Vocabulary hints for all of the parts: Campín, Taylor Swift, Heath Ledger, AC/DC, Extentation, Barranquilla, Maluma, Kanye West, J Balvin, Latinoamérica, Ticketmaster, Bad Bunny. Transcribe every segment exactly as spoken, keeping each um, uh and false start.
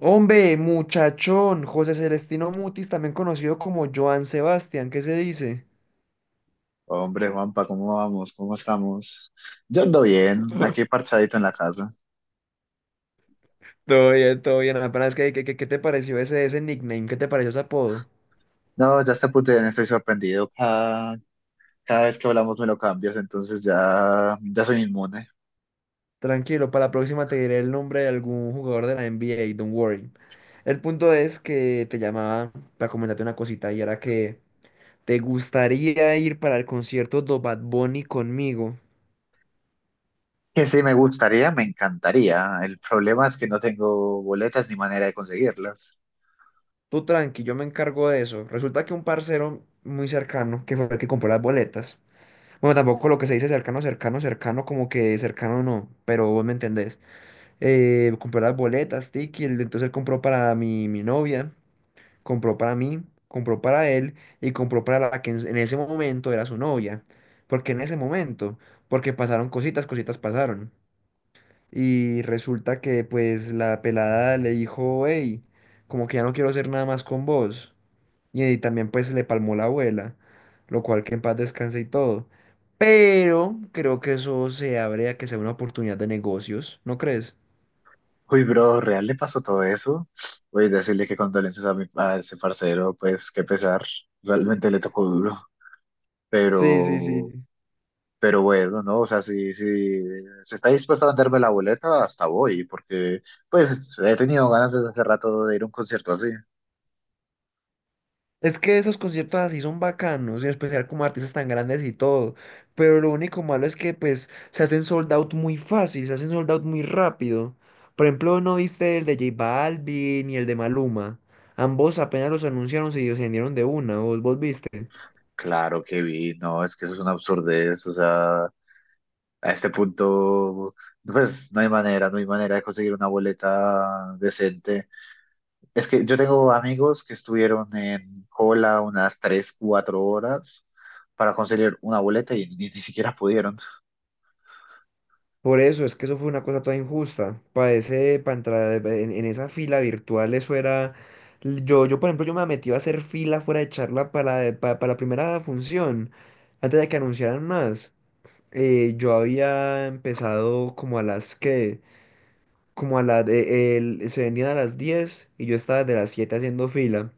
Hombre, muchachón, José Celestino Mutis, también conocido como Joan Sebastián, ¿Qué se dice? Hombre, Juanpa, ¿cómo vamos? ¿Cómo estamos? Yo ando bien, aquí parchadito en la casa. Todo bien, todo bien. Apenas que, que- que- ¿qué te pareció ese, ese nickname? ¿Qué te pareció ese apodo? No, ya está puto, estoy sorprendido. Cada, cada vez que hablamos me lo cambias, entonces ya, ya soy inmune. Tranquilo, para la próxima te diré el nombre de algún jugador de la N B A, don't worry. El punto es que te llamaba para comentarte una cosita y era que te gustaría ir para el concierto de Bad Bunny conmigo. Que sí me gustaría, me encantaría. El problema es que no tengo boletas ni manera de conseguirlas. Tú tranqui, yo me encargo de eso. Resulta que un parcero muy cercano, que fue el que compró las boletas. Bueno, tampoco lo que se dice cercano, cercano, cercano, como que cercano no, pero vos me entendés. Eh, compró las boletas, Tiki, el- entonces él compró para mi, mi novia, compró para mí, compró para él y compró para la que en, en ese momento era su novia. ¿Por qué en ese momento? Porque pasaron cositas, cositas pasaron. Y resulta que pues la pelada le dijo, hey, como que ya no quiero hacer nada más con vos. Y, y también pues le palmó la abuela, lo cual que en paz descanse y todo. Pero creo que eso se abre a que sea una oportunidad de negocios, ¿no crees? Uy, bro, ¿real le pasó todo eso? Voy a decirle que condolencias a mi, a ese parcero, pues qué pesar. Realmente le tocó duro. Sí, sí, Pero sí. Pero bueno, ¿no? O sea, si, si se está dispuesto a venderme la boleta, hasta voy, porque pues he tenido ganas desde hace rato de ir a un concierto así. Es que esos conciertos así son bacanos, en especial como artistas tan grandes y todo. Pero lo único malo es que pues se hacen sold out muy fácil, se hacen sold out muy rápido. Por ejemplo, ¿no viste el de J Balvin y el de Maluma? Ambos apenas los anunciaron, se vendieron de una, ¿vos, vos viste? Claro que vi, no, es que eso es una absurdez, o sea, a este punto, pues no hay manera, no hay manera de conseguir una boleta decente. Es que yo tengo amigos que estuvieron en cola unas tres cuatro horas para conseguir una boleta y ni, ni siquiera pudieron. Por eso, es que eso fue una cosa toda injusta. Para ese, para entrar en, en esa fila virtual, eso era. Yo, yo, por ejemplo, yo me metí a hacer fila fuera de charla para, de- pa- para la primera función, antes de que anunciaran más. Eh, yo había empezado como a las que, como a las, se vendían a las diez y yo estaba de las siete haciendo fila.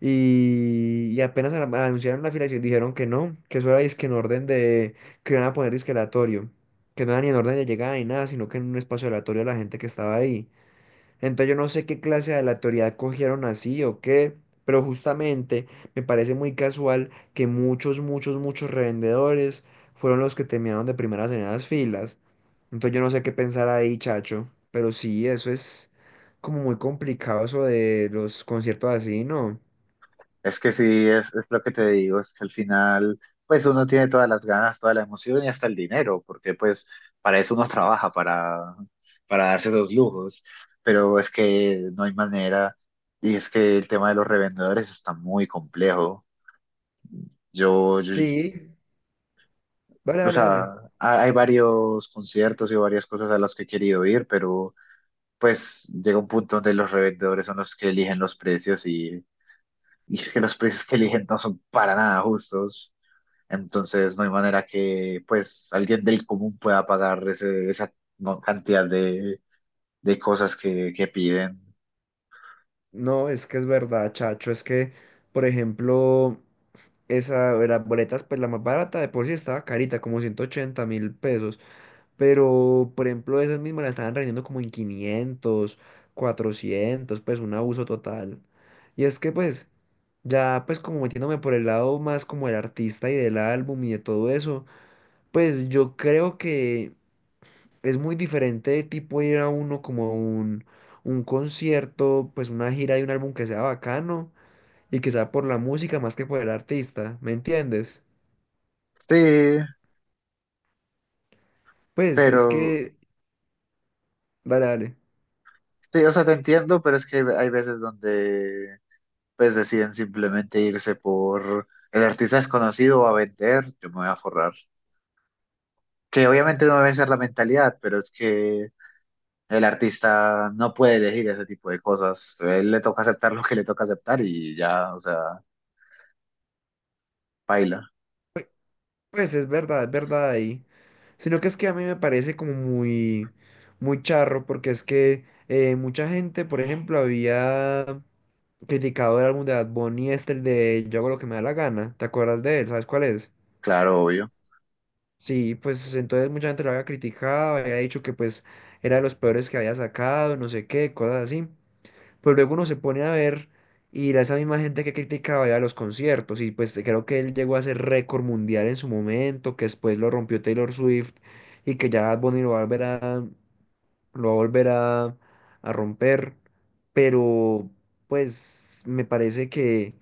Y, y apenas a- anunciaron la afiliación, dijeron que no, que eso era disque en orden de, que iban a poner disque aleatorio, que no era ni en orden de llegada ni nada, sino que en un espacio aleatorio a la gente que estaba ahí. Entonces yo no sé qué clase de aleatoriedad cogieron así o qué, pero justamente me parece muy casual que muchos, muchos, muchos revendedores fueron los que terminaron de primeras en las filas. Entonces yo no sé qué pensar ahí, chacho, pero sí, eso es como muy complicado eso de los conciertos así, ¿no? Es que sí, es, es lo que te digo, es que al final, pues uno tiene todas las ganas, toda la emoción y hasta el dinero, porque pues para eso uno trabaja, para, para darse los lujos, pero es que no hay manera y es que el tema de los revendedores está muy complejo. Yo, yo- Sí, Vale, o vale, sea, vale. ha- hay varios conciertos y varias cosas a las que he querido ir, pero pues llega un punto donde los revendedores son los que eligen los precios y, y es que los precios que eligen no son para nada justos. Entonces no hay manera que pues alguien del común pueda pagar ese- esa mo- cantidad de, de cosas que, que piden. No, es que es verdad, chacho. Es que, por ejemplo, esa de las boletas, pues la más barata de por sí estaba carita, como ciento ochenta mil pesos. Pero, por ejemplo, esas mismas la estaban vendiendo como en quinientos cuatrocientos, pues un abuso total. Y es que, pues, ya, pues, como metiéndome por el lado más como el artista y del álbum y de todo eso, pues yo creo que, es muy diferente de tipo ir a uno como a un, un concierto, pues una gira de un álbum que sea bacano y que sea por la música más que por el artista, ¿me entiendes? Sí, Pues es pero que, dale, dale, sí, o sea, te entiendo, pero es que hay veces donde pues deciden simplemente irse por el artista es conocido va a vender, yo me voy a forrar. Que obviamente no debe ser la mentalidad, pero es que el artista no puede elegir ese tipo de cosas. A él le toca aceptar lo que le toca aceptar y ya, o sea, baila, pues es verdad, es verdad ahí, sino que es que a mí me parece como muy, muy charro porque es que eh, mucha gente, por ejemplo, había criticado el álbum de Bad Bunny, este, el de Yo hago lo que me da la gana. ¿Te acuerdas de él? ¿Sabes cuál es? claro, obvio. Sí, pues entonces mucha gente lo había criticado, había dicho que pues era de los peores que había sacado, no sé qué, cosas así. Pero luego uno se pone a ver y era esa misma gente que criticaba ya los conciertos, y pues creo que él llegó a ser récord mundial en su momento, que después lo rompió Taylor Swift, y que ya Bad Bunny lo va a volver a, lo va a, volver a, a romper. Pero pues me parece que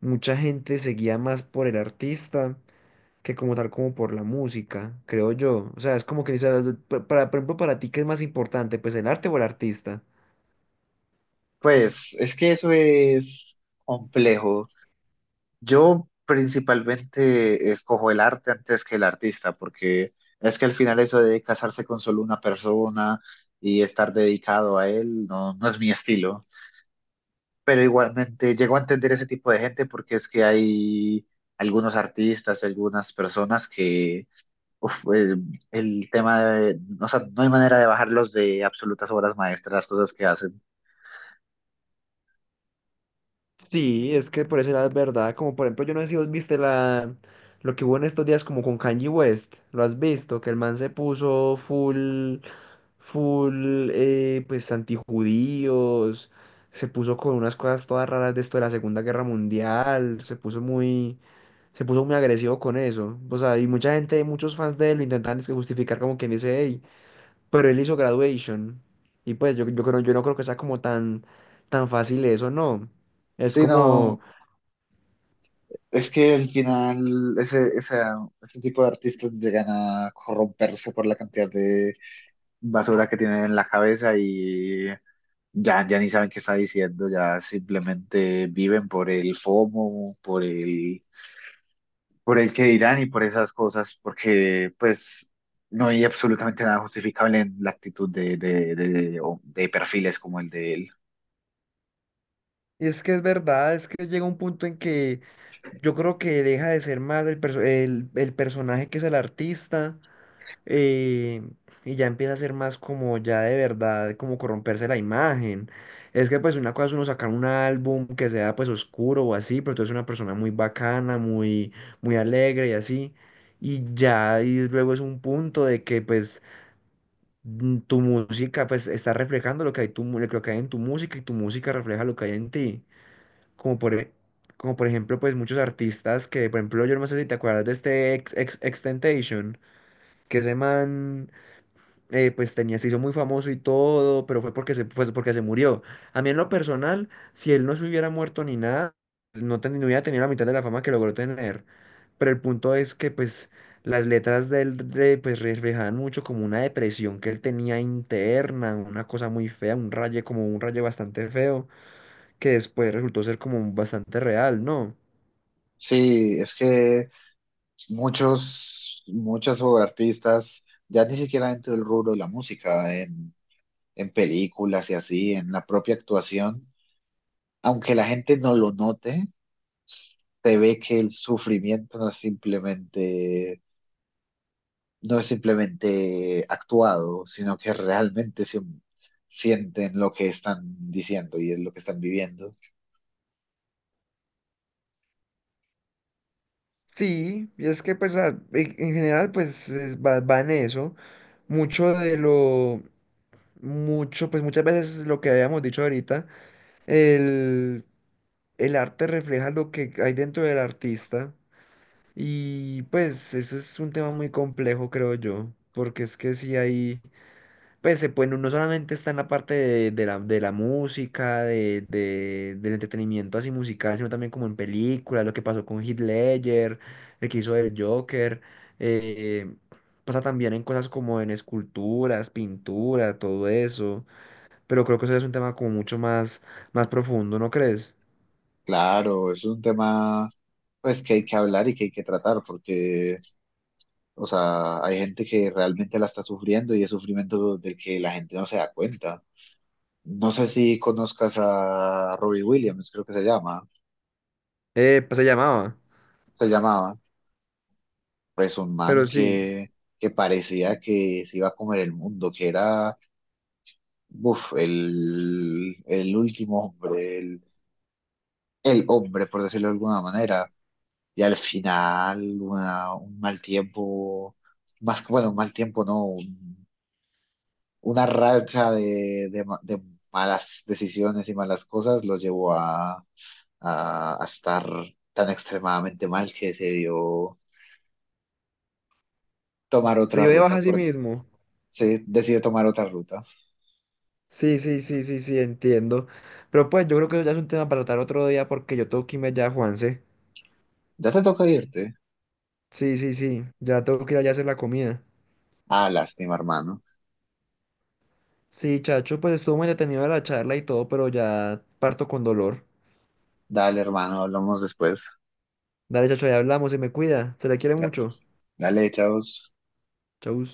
mucha gente seguía más por el artista que como tal como por la música, creo yo. O sea, es como que, dices pa- para, por ejemplo, para ti, ¿qué es más importante? Pues el arte o el artista. Pues es que eso es complejo. Yo principalmente escojo el arte antes que el artista, porque es que al final eso de casarse con solo una persona y estar dedicado a él no, no es mi estilo. Pero igualmente llego a entender ese tipo de gente porque es que hay algunos artistas, algunas personas que uf, el, el tema de, o sea, no hay manera de bajarlos de absolutas obras maestras, las cosas que hacen. Sí, es que por ese lado es verdad. Como por ejemplo, yo no sé si vos viste la, lo que hubo en estos días como con Kanye West. ¿Lo has visto? Que el man se puso full, full, eh, pues antijudíos. Se puso con unas cosas todas raras de esto de la Segunda Guerra Mundial. Se puso muy se puso muy agresivo con eso. O sea, y mucha gente, muchos fans de él lo intentan es que justificar como quien dice, hey, pero él hizo graduation. Y pues yo, yo creo, yo no creo que sea como tan, tan fácil eso, no. Es Sí, no, como, es que al final ese, esa- ese tipo de artistas llegan a corromperse por la cantidad de basura que tienen en la cabeza y ya, ya ni saben qué está diciendo, ya simplemente viven por el FOMO, por el, por el que dirán y por esas cosas, porque pues no hay absolutamente nada justificable en la actitud de, de, de, de o de perfiles como el de él. Y es que es verdad, es que llega un punto en que yo creo que deja de ser más el, perso- el, el personaje que es el artista, eh, y ya empieza a ser más como ya de verdad, como corromperse la imagen. Es que pues una cosa es uno sacar un álbum que sea pues oscuro o así, pero tú eres una persona muy bacana, muy, muy alegre y así. Y ya, y luego es un punto de que pues mm, tu música pues está reflejando lo que hay, tu, mu- lo que hay en tu música y tu música refleja lo que hay en ti. Como por, e- como por ejemplo pues muchos artistas que, por ejemplo, yo no sé si te acuerdas de este ex, ex, Extentation, que ese man eh, pues tenía, se hizo muy famoso y todo, pero fue porque se, fue porque se murió. A mí en lo personal, si él no se hubiera muerto ni nada, no, ten- no hubiera tenido la mitad de la fama que logró tener. Pero el punto es que pues las letras de él de- pues, reflejaban mucho como una depresión que él tenía interna, una cosa muy fea, un raye como un raye bastante feo, que después resultó ser como bastante real, ¿no? Sí, es que muchos, muchas artistas, ya ni siquiera dentro del rubro de la música, en, en películas y así, en la propia actuación, aunque la gente no lo note, se ve que el sufrimiento no es simplemente, no es simplemente actuado, sino que realmente se, sienten lo que están diciendo y es lo que están viviendo. Sí, y es que pues a- en en general pues es- va, va en eso. Mucho de lo mucho, pues muchas veces lo que habíamos dicho ahorita, el, el arte refleja lo que hay dentro del artista, y pues eso es un tema muy complejo, creo yo, porque es que si hay, pues se puede, no solamente está en la parte de, de la, de la música, de, de- del entretenimiento así musical, sino también como en películas, lo que pasó con Heath Ledger, el que hizo el Joker, eh, pasa también en cosas como en esculturas, pintura, todo eso, pero creo que eso es un tema como mucho más, más profundo, ¿no crees? Claro, es un tema pues que hay que hablar y que hay que tratar, porque o sea, hay gente que realmente la está sufriendo y es sufrimiento del que la gente no se da cuenta. No sé si conozcas a Robbie Williams, creo que se llama. Eh, pues se llamaba, Se llamaba, pues un man pero sí, que, que parecía que se iba a comer el mundo, que era, buf, el, el último hombre, el, el hombre, por decirlo de alguna manera. Y al final, una- un mal tiempo, más que, bueno, un mal tiempo, no, una racha de, de ma- de malas decisiones y malas cosas lo llevó a, a- a estar tan extremadamente mal que decidió tomar se otra dio de baja ruta. a sí Por, mismo. sí, decidió tomar otra ruta. Sí, sí, sí, sí, sí, entiendo. Pero pues yo creo que eso ya es un tema para tratar otro día porque yo tengo que irme ya, Juanse. Ya te toca irte. Sí, sí, sí, ya tengo que ir allá a hacer la comida. Ah, lástima, hermano. Sí, chacho, pues estuvo muy detenido la charla y todo, pero ya parto con dolor. Dale, hermano, hablamos después. Dale, chacho, ya hablamos, se me cuida, se le quiere Ya. mucho. Dale, chavos. Chau.